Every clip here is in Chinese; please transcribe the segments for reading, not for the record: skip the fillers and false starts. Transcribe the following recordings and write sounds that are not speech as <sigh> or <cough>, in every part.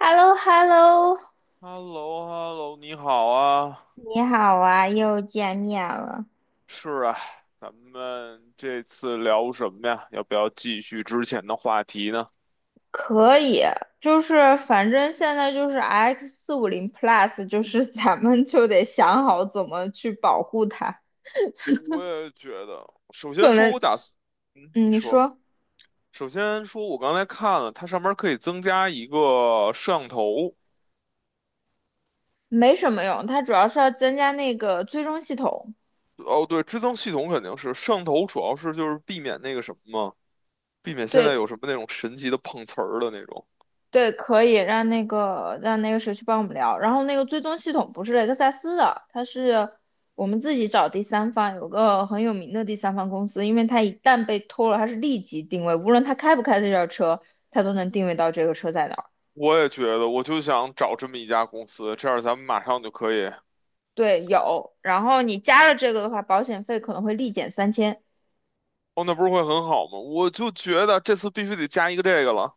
h e l l o h e l l o h e l l o h e l l o 你好啊。你好啊，又见面了。是啊，咱们这次聊什么呀？要不要继续之前的话题呢？可以，就是反正现在就是 X 四五零 Plus，就是 <laughs> 咱们就得想好怎么去保护它。我也觉得，首先可说，能，我打算，嗯，嗯，你你说，说。首先说，我刚才看了，它上面可以增加一个摄像头。没什么用，它主要是要增加那个追踪系统。哦，对，追踪系统肯定是，摄像头主要是就是避免那个什么嘛，避免现在对有什么那种神奇的碰瓷儿的那种。对，可以让那个谁去帮我们聊。然后那个追踪系统不是雷克萨斯的，它是我们自己找第三方，有个很有名的第三方公司，因为它一旦被偷了，它是立即定位，无论它开不开这辆车，它都能定位到这个车在哪儿。我也觉得，我就想找这么一家公司，这样咱们马上就可以。对，有。然后你加了这个的话，保险费可能会立减3000。哦，那不是会很好吗？我就觉得这次必须得加一个这个了。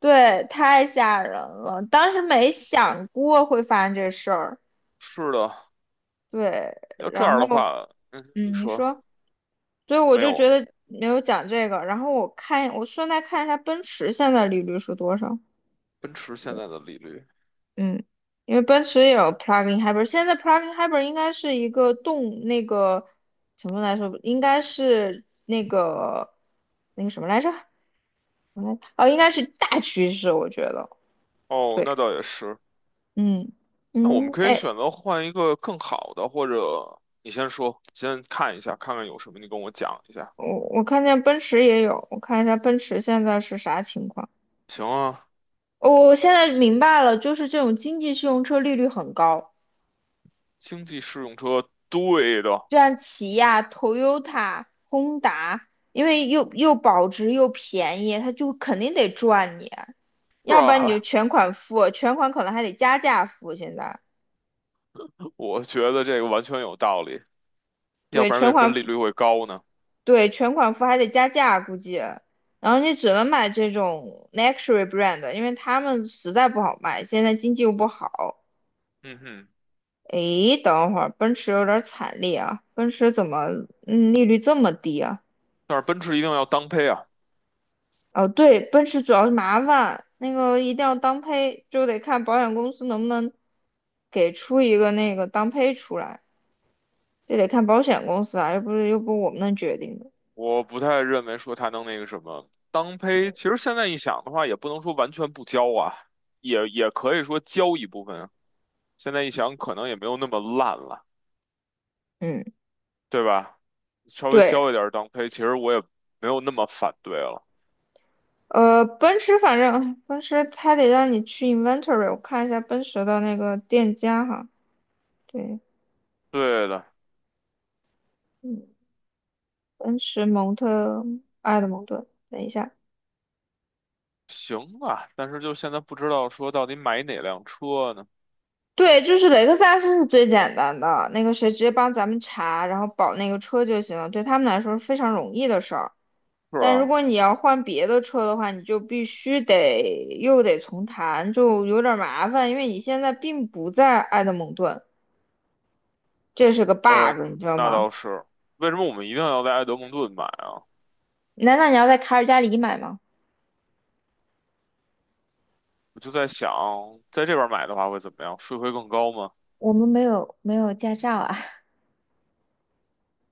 对，太吓人了，当时没想过会发生这事儿。是的，对，要这然样后的话，嗯，你说。所以我没就觉有得没有讲这个。然后我看，我顺带看一下奔驰现在利率是多少。奔驰现在的利率？嗯，因为奔驰也有 plug-in hybrid，现在 plug-in hybrid 应该是一个动那个什么来说，应该是那个什么来着？嗯，哦，应该是大趋势，我觉得。哦，对，那倒也是。嗯那我们嗯，可以哎，选择换一个更好的，或者你先说，先看一下，看看有什么，你跟我讲一下。我看见奔驰也有，我看一下奔驰现在是啥情况。行啊，哦我现在明白了，就是这种经济适用车利率很高。经济适用车，对的，就像起亚、Toyota、Honda，因为又保值又便宜，它就肯定得赚你，是要不然你就吧？全款付，全款可能还得加价付。现在 <laughs> 我觉得这个完全有道理，要对不然为全什么款利付，率会高呢？对全款付还得加价，估计。然后你只能买这种 luxury brand，因为他们实在不好卖，现在经济又不好。嗯哼，诶，等会儿，奔驰有点惨烈啊！奔驰怎么，利率这么低啊？但是奔驰一定要当配啊。哦，对，奔驰主要是麻烦，那个一定要当配，就得看保险公司能不能给出一个那个当配出来，这得看保险公司啊，又不是我们能决定的。我不太认为说他能那个什么当胚，其实现在一想的话，也不能说完全不交啊，也可以说交一部分啊。现在一想，可能也没有那么烂了，嗯，对吧？稍微对，交一点儿当胚，其实我也没有那么反对了。奔驰反正奔驰它得让你去 inventory，我看一下奔驰的那个店家哈。对，对的，嗯，奔驰埃德蒙顿，等一下。行吧。但是就现在不知道说到底买哪辆车呢？对，就是雷克萨斯是最简单的，那个谁直接帮咱们查，然后保那个车就行了，对他们来说是非常容易的事儿。是但如啊，果你要换别的车的话，你就必须得重谈，就有点儿麻烦，因为你现在并不在埃德蒙顿，这是个 呃，bug，你知道那吗？倒是。为什么我们一定要在埃德蒙顿买啊？难道你要在卡尔加里买吗？我就在想，在这边买的话会怎么样？税会更高吗？我们没有驾照啊。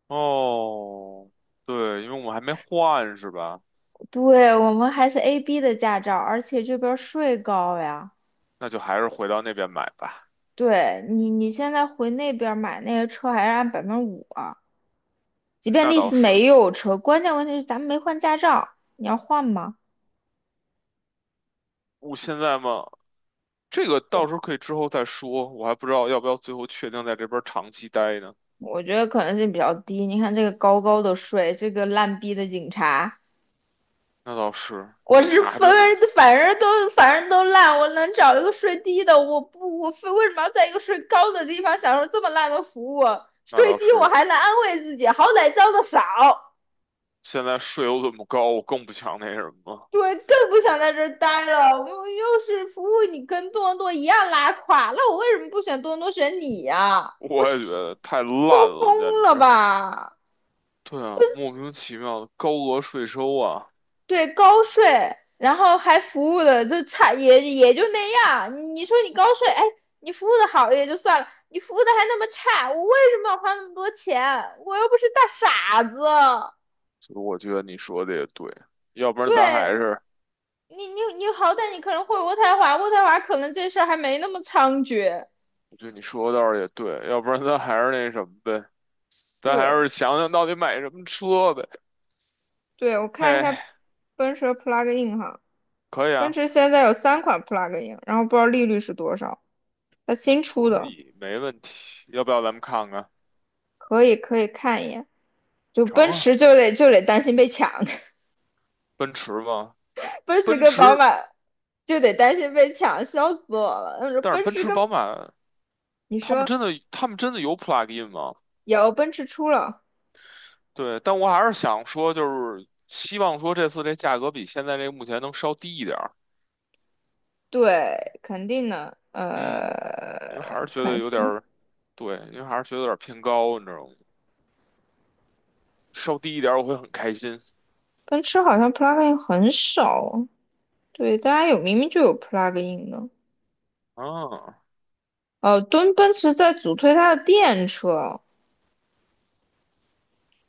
哦，对，因为我们还没换是吧？<laughs> 对，我们还是 AB 的驾照，而且这边儿税高呀。那就还是回到那边买吧。对，你，你现在回那边儿买那个车还是按5%啊？即嗯便那丽倒丝是，没有车，关键问题是咱们没换驾照，你要换吗？我现在嘛，这个到时候对，可以之后再说，我还不知道要不要最后确定在这边长期待呢。我觉得可能性比较低。你看这个高高的税，这个烂逼的警察。那倒是，我警是察分真的，反正都反正都烂，我能找一个税低的，我非为什么要在一个税高的地方享受这么烂的服务？那税倒低我是，还能安慰自己，好歹交的少。现在税又这么高，我更不想那什么，对，更不想在这儿待了。我又是服务你跟多伦多一样拉垮，那我为什么不选多伦多选你呀、我我是也觉得太抽烂了，简风了直。吧？对啊，莫名其妙的高额税收啊，对，高税，然后还服务的就差也就那样。你说你高税，哎，你服务的好也就算了，你服务的还那么差，我为什么要花那么多钱？我又不是大傻子。所以我觉得你说的也对，要不然咱还对，是。你，你好歹你可能会渥太华，渥太华可能这事儿还没那么猖獗。我觉得你说的倒是也对，要不然咱还是那什么呗，咱还对。是想想到底买什么车呗。对，我看一下哎，奔驰的 plug-in 哈，可以奔啊，驰现在有三款 plug-in，然后不知道利率是多少，它新出可的。以，没问题。要不要咱们看看？可以可以看一眼。就成奔啊，驰就得担心被抢。奔驰吗？<laughs> 奔驰奔跟宝驰，马就得担心被抢，笑死我了。他说但是奔奔驰驰、跟宝马，你他们说，真的，他们真的有 plug-in 吗？有奔驰出了。对，但我还是想说，就是希望说这次这价格比现在这个目前能稍低一点儿。对，肯定的。嗯，因为还是我觉看得一有下，点儿，对，因为还是觉得有点儿偏高，你知道吗？稍低一点儿我会很开心。奔驰好像 plug-in 很少哦，对，大家有明明就有 plug-in 的。啊。哦，敦奔驰在主推它的电车，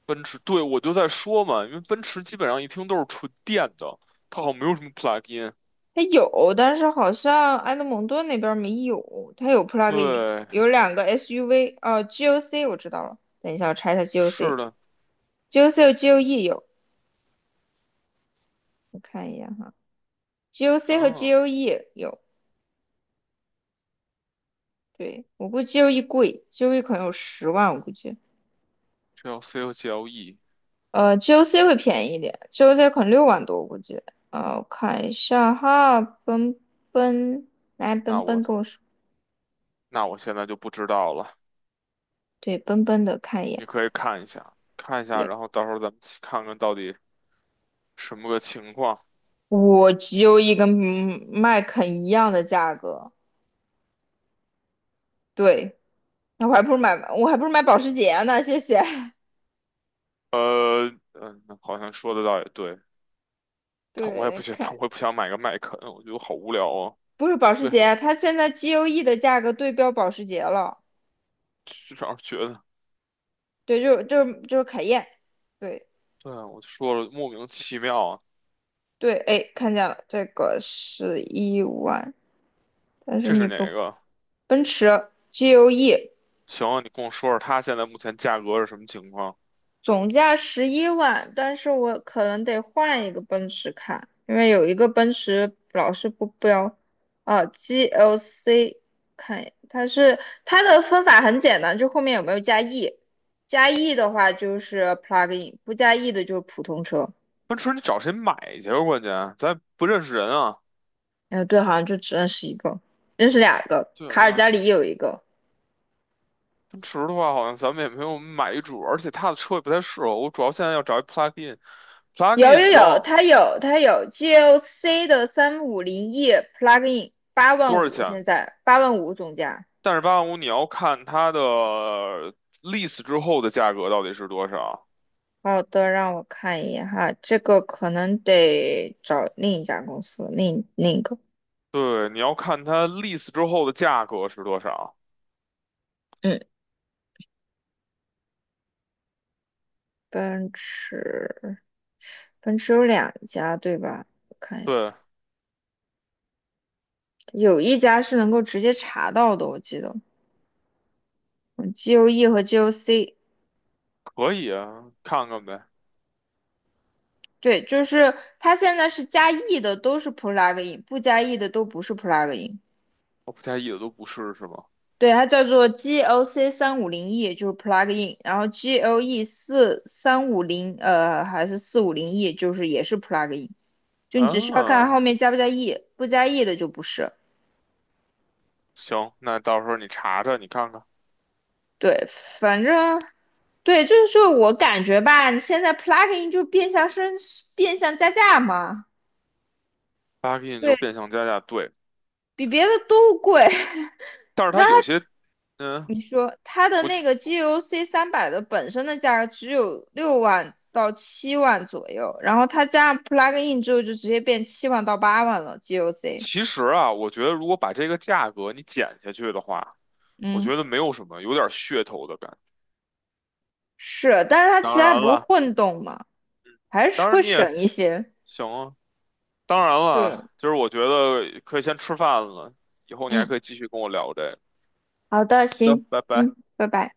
奔驰，对，我就在说嘛，因为奔驰基本上一听都是纯电的，它好像没有什么 plug-in。它有，但是好像埃德蒙顿那边儿没有。它有 plug-in，对，有两个 SUV，哦 g o c 我知道了，等一下我查一下 是 GOC，GOC 的，和 GOE 有，我看一眼哈，GOC 和 嗯 GOE 有。对，我估计 GOE 贵，GOE 可能有100,000，我估计，，GLC 和 GLE,GOC 会便宜一点，GOC 可能60,000多，我估计，我看一下哈。奔来那奔奔我跟我说。那我现在就不知道了，对，奔奔的看一眼。你可以看一下，看一下，对。然后到时候咱们去看看到底什么个情况。我只有一跟麦肯一样的价格。对，那我还不如买，我还不如买保时捷呢，谢谢。好像说的倒也对，<laughs> 但我也不对，行，但看，我也不想买个麦肯，我觉得好无聊啊。不是保时对，捷，它现在 GOE 的价格对标保时捷了。至少觉得，对，就是凯宴。对对啊，我就说了，莫名其妙啊，对，哎，看见了，这个是一万。但是这你是不，哪个？奔驰 GOE。行，你跟我说说它现在目前价格是什么情况？总价110,000，但是我可能得换一个奔驰看，因为有一个奔驰老是不标。啊，GLC 看一眼，它是它的分法很简单，就后面有没有加 E，加 E 的话就是 plug in，不加 E 的就是普通车。奔驰你找谁买去啊关键咱不认识人啊。哎，对，好像就只认识一个，认识两个，对卡尔啊，加里有一个。奔驰的话好像咱们也没有买一主，而且它的车也不太适合我。主要现在要找一 plug in。plug 有 in 有你知有，道它有 GLC 的三五零 E plug in，八多万五少现钱？在八万五总价。但是八万五你要看它的 lease 之后的价格到底是多少。好的，让我看一眼哈，这个可能得找另一家公司，另一个。对，你要看它 lease 之后的价格是多少。嗯，奔驰，奔驰有两家对吧？我看一下，对，有一家是能够直接查到的，我记得。嗯，GOE 和 GOC。可以啊，看看呗。对，就是它现在是加 E 的都是 plug in，不加 E 的都不是 plug in。我不介意的都不是是吗？对，它叫做 GLC 三五零 E，就是 plug in，然后 GLE 4350呃还是四五零 E，就是也是 plug in，就你只需要看啊。后面加不加 E，不加 E 的就不是。行，那到时候你查查，你看看对，反正对，就是说我感觉吧，你现在 plug in 就变相变相加价嘛。，plugin 就是对，变相加价，对。比别的都贵。<laughs> 但是它有些，嗯，你说它的我那个 GOC 300的本身的价格只有60,000到70,000左右，然后它加上 plug in 之后就直接变70,000到80,000了 GOC。G O C 其实啊，我觉得如果把这个价格你减下去的话，我嗯，觉得没有什么，有点噱头的感觉。是，但是它其当他然不是了，混动嘛，还是当然会你也省一些。行啊，当然对，了，就是我觉得可以先吃饭了，以后你还可嗯。以继续跟我聊这个。好的，的，行，拜拜。嗯，拜拜。